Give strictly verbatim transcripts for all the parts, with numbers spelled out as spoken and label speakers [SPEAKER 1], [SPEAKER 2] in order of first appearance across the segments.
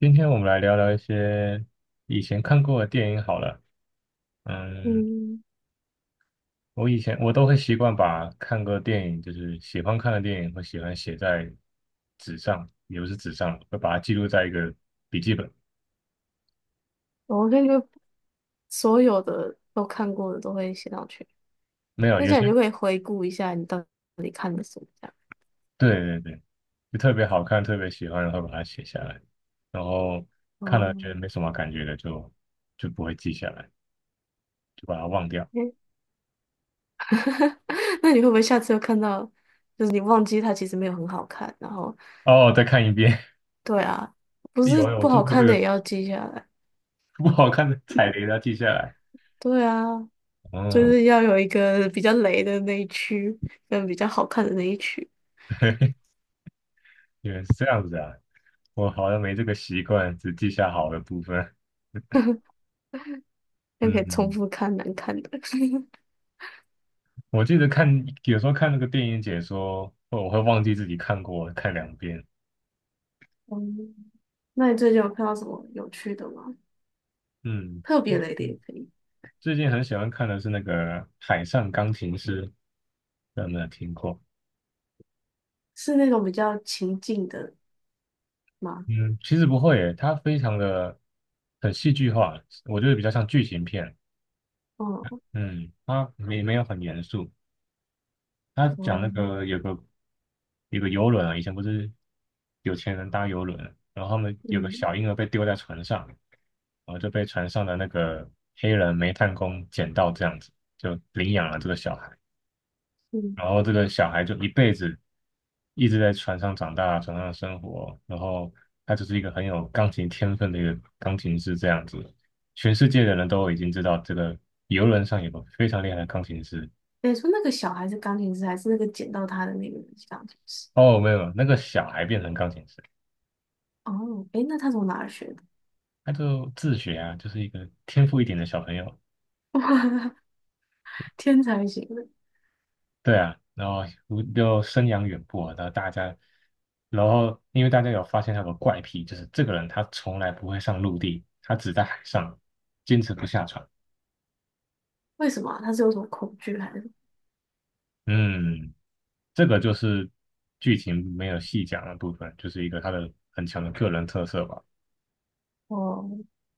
[SPEAKER 1] 今天我们来聊聊一些以前看过的电影好了。嗯，
[SPEAKER 2] 嗯，
[SPEAKER 1] 我以前我都会习惯把看过的电影，就是喜欢看的电影，会喜欢写在纸上，也不是纸上，会把它记录在一个笔记本。
[SPEAKER 2] 我感觉所有的都看过的都会写上去。
[SPEAKER 1] 没有，
[SPEAKER 2] 那
[SPEAKER 1] 有
[SPEAKER 2] 这样你
[SPEAKER 1] 些
[SPEAKER 2] 就可以回顾一下你到底看了什么这样。
[SPEAKER 1] 对对对，就特别好看，特别喜欢，然后把它写下来，然后看了觉
[SPEAKER 2] 哦，
[SPEAKER 1] 得没什么感觉的，就就不会记下来，就把它忘掉。
[SPEAKER 2] 诶。 那你会不会下次又看到，就是你忘记它其实没有很好看，然后
[SPEAKER 1] 哦，再看一遍，
[SPEAKER 2] 对啊，不 是
[SPEAKER 1] 有有，我
[SPEAKER 2] 不
[SPEAKER 1] 做
[SPEAKER 2] 好
[SPEAKER 1] 过这
[SPEAKER 2] 看的
[SPEAKER 1] 个
[SPEAKER 2] 也
[SPEAKER 1] 事
[SPEAKER 2] 要记下来。
[SPEAKER 1] 情不好看的踩雷，要记下来。
[SPEAKER 2] 对啊，就
[SPEAKER 1] 嗯。
[SPEAKER 2] 是要有一个比较雷的那一区，跟比较好看的那一区，
[SPEAKER 1] 原来是这样子啊，我好像没这个习惯，只记下好的部分。
[SPEAKER 2] 就可
[SPEAKER 1] 嗯，
[SPEAKER 2] 以重
[SPEAKER 1] 嗯，
[SPEAKER 2] 复看难看的。
[SPEAKER 1] 我记得看有时候看那个电影解说，我会忘记自己看过，看两遍。
[SPEAKER 2] 嗯，那你最近有看到什么有趣的吗？
[SPEAKER 1] 嗯
[SPEAKER 2] 特别雷的也
[SPEAKER 1] 嗯，
[SPEAKER 2] 可以。
[SPEAKER 1] 最近很喜欢看的是那个《海上钢琴师》，不知道有没有听过？
[SPEAKER 2] 是那种比较情境的吗？
[SPEAKER 1] 嗯，其实不会耶，它非常的很戏剧化，我觉得比较像剧情片。
[SPEAKER 2] 哦。
[SPEAKER 1] 嗯，它没没有很严肃。他
[SPEAKER 2] 哦。
[SPEAKER 1] 讲那个有个有个游轮啊，以前不是有钱人搭游轮啊，然后他们有个
[SPEAKER 2] 嗯
[SPEAKER 1] 小婴儿被丢在船上，然后就被船上的那个黑人煤炭工捡到，这样子就领养了这个小孩，
[SPEAKER 2] 嗯。
[SPEAKER 1] 然后这个小孩就一辈子一直在船上长大，船上生活，然后他就是一个很有钢琴天分的一个钢琴师这样子，全世界的人都已经知道这个游轮上有个非常厉害的钢琴师。
[SPEAKER 2] 你说那个小孩是钢琴师，还是那个捡到他的那个人是钢琴师？
[SPEAKER 1] 哦，没有，那个小孩变成钢琴师。
[SPEAKER 2] 哦，诶，那他从哪儿学的？
[SPEAKER 1] 他就自学啊，就是一个天赋一点的小朋友，
[SPEAKER 2] 天才型的。
[SPEAKER 1] 对啊，然后我就生养远播啊，然后大家，然后因为大家有发现他有个怪癖，就是这个人他从来不会上陆地，他只在海上，坚持不下船。
[SPEAKER 2] 为什么啊他是有什么恐惧还是？
[SPEAKER 1] 嗯，这个就是剧情没有细讲的部分，就是一个他的很强的个人特色吧，
[SPEAKER 2] 哦，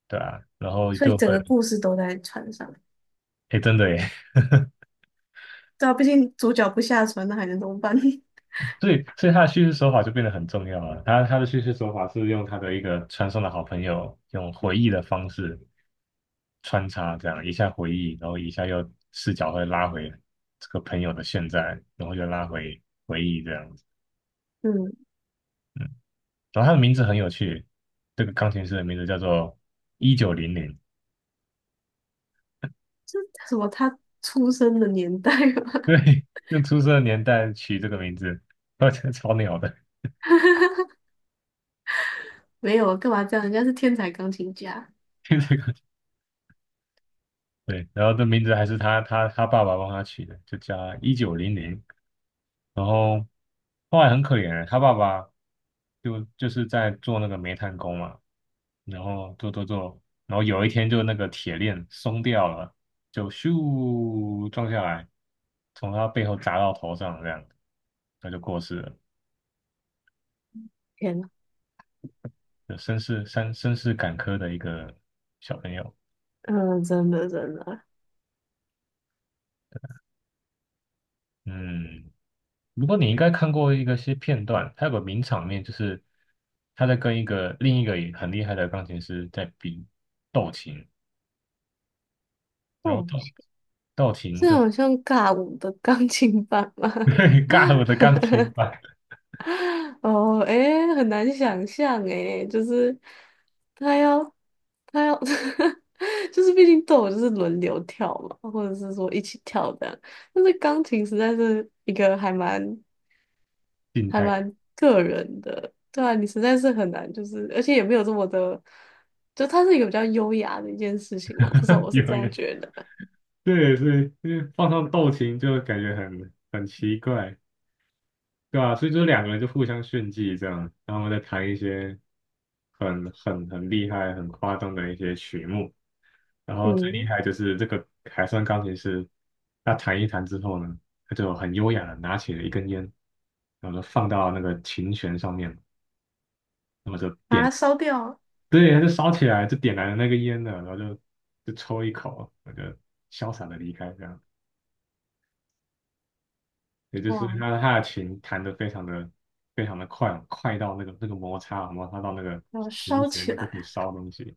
[SPEAKER 1] 对啊，然后
[SPEAKER 2] 所以
[SPEAKER 1] 就
[SPEAKER 2] 整
[SPEAKER 1] 会，
[SPEAKER 2] 个故事都在船上。
[SPEAKER 1] 哎，真的耶，
[SPEAKER 2] 对啊，毕竟主角不下船，那还能怎么办？
[SPEAKER 1] 所以，所以他的叙事手法就变得很重要了。他他的叙事手法是用他的一个传送的好朋友，用回忆的方式穿插，这样一下回忆，然后一下又视角会拉回这个朋友的现在，然后又拉回回忆这样子。
[SPEAKER 2] 嗯，
[SPEAKER 1] 然后他的名字很有趣，这个钢琴师的名字叫做一九零零，
[SPEAKER 2] 这什么？他出生的年代吗？
[SPEAKER 1] 对，用出生的年代取这个名字，我觉得超鸟的，
[SPEAKER 2] 没有，干嘛这样？人家是天才钢琴家。
[SPEAKER 1] 听这个对，然后这名字还是他他他爸爸帮他取的，就叫一九零零。然后后来很可怜欸，他爸爸就就是在做那个煤炭工嘛，然后做做做，然后有一天就那个铁链松掉了，就咻撞下来，从他背后砸到头上这样，他就过世了，
[SPEAKER 2] 天呐。
[SPEAKER 1] 就身世身身世坎坷的一个小朋友。
[SPEAKER 2] 嗯，真的真的。
[SPEAKER 1] 嗯，不过你应该看过一个些片段，他有个名场面，就是他在跟一个另一个也很厉害的钢琴师在比斗琴。然后
[SPEAKER 2] 哦，
[SPEAKER 1] 斗道琴
[SPEAKER 2] 这
[SPEAKER 1] 就
[SPEAKER 2] 好像尬舞的钢琴版吗？
[SPEAKER 1] 尬了我的钢琴吧，
[SPEAKER 2] 哦，诶，很难想象诶，就是他要他要，就是毕竟都有就是轮流跳嘛，或者是说一起跳这样，但是钢琴实在是一个还蛮
[SPEAKER 1] 静
[SPEAKER 2] 还
[SPEAKER 1] 态
[SPEAKER 2] 蛮个人的。对啊，你实在是很难，就是而且也没有这么的，就它是一个比较优雅的一件事情嘛，至少 我是
[SPEAKER 1] 有
[SPEAKER 2] 这
[SPEAKER 1] 有，
[SPEAKER 2] 样觉得。
[SPEAKER 1] 对，所以因为放上道琴就感觉很很奇怪，对吧、所以就两个人就互相炫技这样，然后再弹一些很很很厉害、很夸张的一些曲目，然后最厉
[SPEAKER 2] 嗯，
[SPEAKER 1] 害就是这个海上钢琴师，他弹一弹之后呢，他就很优雅的拿起了一根烟，然后就放到那个琴弦上面，那么就
[SPEAKER 2] 把
[SPEAKER 1] 点
[SPEAKER 2] 它烧掉。
[SPEAKER 1] 对，他就烧起来，就点燃了那个烟了，然后就就抽一口，我就潇洒的离开，这样。也就是
[SPEAKER 2] 哇，
[SPEAKER 1] 他他的琴弹得非常的非常的快，快到那个那个摩擦摩擦到那个
[SPEAKER 2] 要
[SPEAKER 1] 琴
[SPEAKER 2] 烧起
[SPEAKER 1] 弦都可以
[SPEAKER 2] 来。
[SPEAKER 1] 烧东西。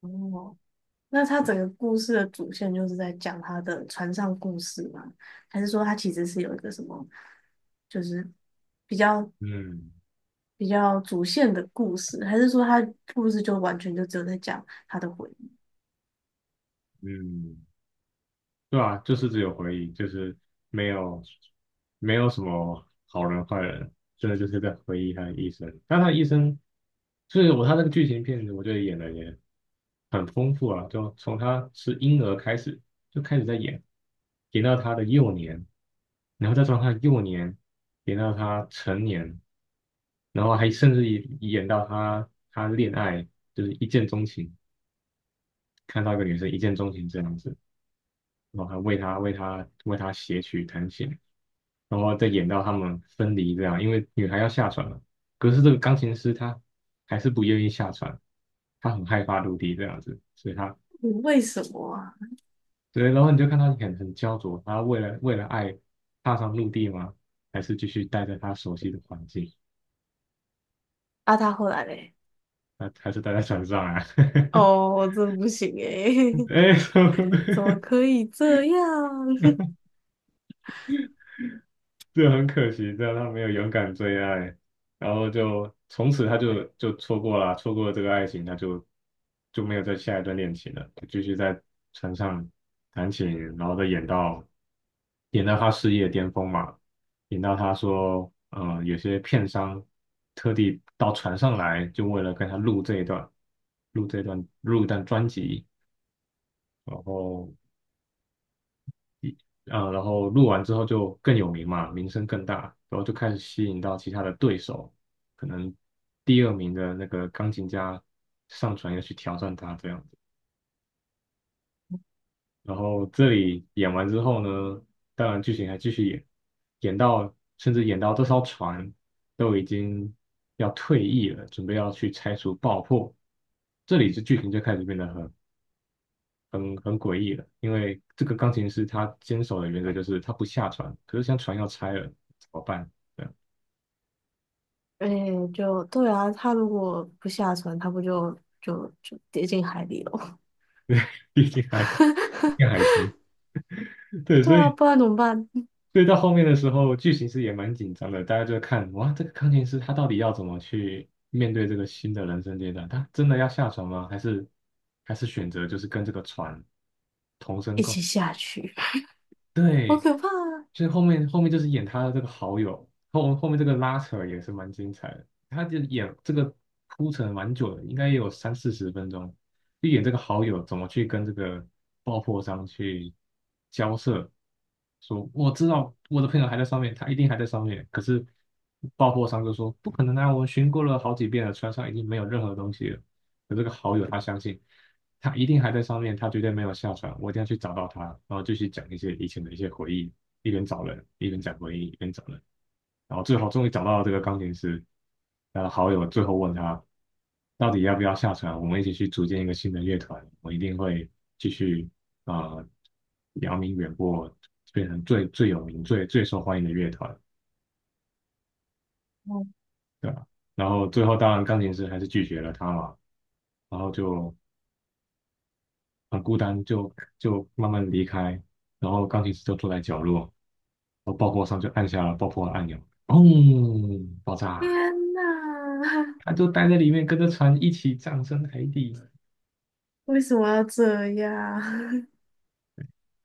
[SPEAKER 2] 哦，那他整个故事的主线就是在讲他的船上故事吗？还是说他其实是有一个什么，就是比较
[SPEAKER 1] 嗯
[SPEAKER 2] 比较主线的故事？还是说他故事就完全就只有在讲他的回忆？
[SPEAKER 1] 嗯，对啊，就是只有回忆，就是没有没有什么好人坏人，真的就是在回忆他的一生。但他的一生，就是我他那个剧情片子，我觉得演的也很丰富啊，就从他是婴儿开始就开始在演，演到他的幼年，然后再从他的幼年演到他成年，然后还甚至演演到他他恋爱，就是一见钟情，看到一个女生一见钟情这样子。然后还为他为他为他写曲弹琴，然后再演到他们分离这样，因为女孩要下船了，可是这个钢琴师他还是不愿意下船，他很害怕陆地这样子，所以他
[SPEAKER 2] 嗯为什么啊？
[SPEAKER 1] 对，然后你就看他很很焦灼，他为了为了爱踏上陆地吗？还是继续待在他熟悉的环境？
[SPEAKER 2] 啊，他后来嘞？
[SPEAKER 1] 还还是待在船上啊？
[SPEAKER 2] 哦，我真不行诶。
[SPEAKER 1] 哎，什么，
[SPEAKER 2] 怎么可以这样？
[SPEAKER 1] 这很可惜，这样他没有勇敢追爱，然后就从此他就就错过了，错过了这个爱情，他就就没有再下一段恋情了，就继续在船上弹琴，然后再演到演到他事业巅峰嘛，演到他说，嗯，有些片商特地到船上来，就为了跟他录这一段，录这一段，录一段专辑，然后啊呃，然后录完之后就更有名嘛，名声更大，然后就开始吸引到其他的对手，可能第二名的那个钢琴家上船要去挑战他这样子。然后这里演完之后呢，当然剧情还继续演，演到甚至演到这艘船都已经要退役了，准备要去拆除爆破，这里就剧情就开始变得很很很诡异的，因为这个钢琴师他坚守的原则就是他不下船，可是像船要拆了怎么办？对啊，
[SPEAKER 2] 哎，就对啊，他如果不下船，他不就就就跌进海里了？
[SPEAKER 1] 毕竟还 要海豚，对，
[SPEAKER 2] 对
[SPEAKER 1] 所
[SPEAKER 2] 啊，
[SPEAKER 1] 以
[SPEAKER 2] 不然怎么办？
[SPEAKER 1] 所以到后面的时候，剧情是也蛮紧张的，大家就看哇，这个钢琴师他到底要怎么去面对这个新的人生阶段？他真的要下船吗？还是还是选择就是跟这个船同生
[SPEAKER 2] 一
[SPEAKER 1] 共？
[SPEAKER 2] 起下去。好可怕啊！
[SPEAKER 1] 就是后面后面就是演他的这个好友，后后面这个拉扯也是蛮精彩的。他就演这个铺陈蛮久的，应该也有三四十分钟，就演这个好友怎么去跟这个爆破商去交涉，说我知道我的朋友还在上面，他一定还在上面，可是爆破商就说不可能啊，我们巡过了好几遍了，船上已经没有任何东西了。可这个好友他相信。他一定还在上面，他绝对没有下船。我一定要去找到他，然后继续讲一些以前的一些回忆，一边找人，一边讲回忆，一边找人。然后最后终于找到了这个钢琴师，他的好友最后问他，到底要不要下船？我们一起去组建一个新的乐团，我一定会继续啊、呃，扬名远播，变成最最有名、最最受欢迎的乐团，
[SPEAKER 2] 哦，
[SPEAKER 1] 对吧？然后最后当然钢琴师还是拒绝了他嘛，然后就很孤单，就就慢慢离开，然后钢琴师就坐在角落，然后爆破商就按下了爆破按钮，砰，爆
[SPEAKER 2] 天
[SPEAKER 1] 炸，
[SPEAKER 2] 呐。
[SPEAKER 1] 他就待在里面，跟着船一起葬身海底，
[SPEAKER 2] 为什么要这样？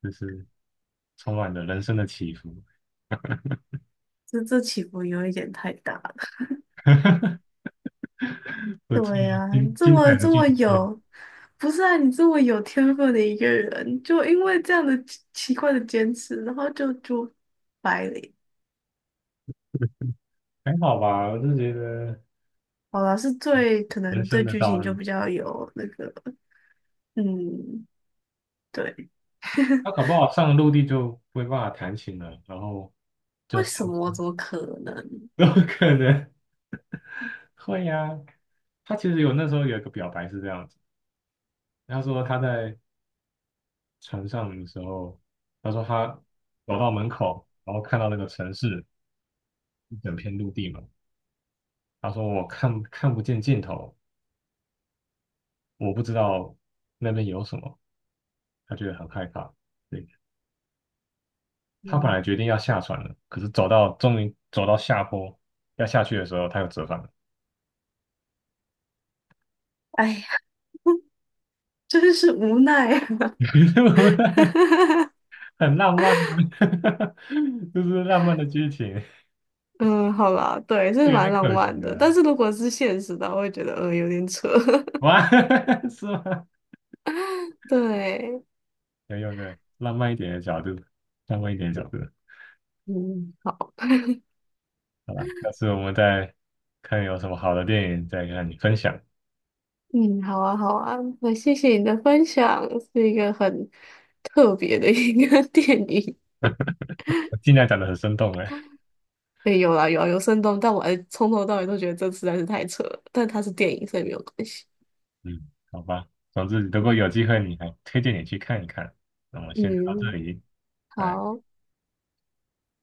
[SPEAKER 1] 就是充满了人生的起伏，
[SPEAKER 2] 这这起伏有一点太大了。
[SPEAKER 1] 不错，
[SPEAKER 2] 对呀、啊
[SPEAKER 1] 精
[SPEAKER 2] 这
[SPEAKER 1] 精彩
[SPEAKER 2] 么
[SPEAKER 1] 的
[SPEAKER 2] 这
[SPEAKER 1] 剧
[SPEAKER 2] 么
[SPEAKER 1] 情片，
[SPEAKER 2] 有，不是啊，你这么有天分的一个人，就因为这样的奇奇怪的坚持，然后就就白了。
[SPEAKER 1] 还好吧，我就觉得
[SPEAKER 2] 好啦，是最可
[SPEAKER 1] 人
[SPEAKER 2] 能
[SPEAKER 1] 生
[SPEAKER 2] 对
[SPEAKER 1] 的
[SPEAKER 2] 剧
[SPEAKER 1] 道
[SPEAKER 2] 情就
[SPEAKER 1] 路，
[SPEAKER 2] 比较有那个。嗯，对。
[SPEAKER 1] 他搞不好上陆地就没办法弹琴了，然后就
[SPEAKER 2] 为
[SPEAKER 1] 上。
[SPEAKER 2] 什么？怎么可能？
[SPEAKER 1] 有可能会呀、他其实有那时候有一个表白是这样子，他说他在船上的时候，他说他走到门口，然后看到那个城市一整片陆地嘛，他说我看看不见尽头，我不知道那边有什么，他觉得很害怕。对，他本来
[SPEAKER 2] 嗯，
[SPEAKER 1] 决定要下船了，可是走到终于走到下坡要下去的时候，他又折返了，
[SPEAKER 2] 哎呀。真是无奈啊。
[SPEAKER 1] 对不对？很浪漫啊，就是浪漫的剧情。
[SPEAKER 2] 嗯，好啦，对，这是
[SPEAKER 1] 是有
[SPEAKER 2] 蛮
[SPEAKER 1] 点
[SPEAKER 2] 浪
[SPEAKER 1] 可惜
[SPEAKER 2] 漫的，
[SPEAKER 1] 了。
[SPEAKER 2] 但是如果是现实的话我会觉得嗯有点扯。
[SPEAKER 1] 哇，是吗？
[SPEAKER 2] 对。
[SPEAKER 1] 要用个浪漫一点的角度，浪漫一点的角度。
[SPEAKER 2] 嗯，好。
[SPEAKER 1] 好吧，下次我们再看有什么好的电影再跟你分享。
[SPEAKER 2] 嗯，好啊，好啊，那谢谢你的分享，是一个很特别的一个 电影。
[SPEAKER 1] 我尽量讲的很生动哎。
[SPEAKER 2] 对，有啦，有啊，有生动，但我还从头到尾都觉得这实在是太扯了，但它是电影，所以没有关系。
[SPEAKER 1] 嗯，好吧。总之，如果有机会，你还推荐你去看一看。那我们先聊到这
[SPEAKER 2] 嗯，
[SPEAKER 1] 里，拜。
[SPEAKER 2] 好。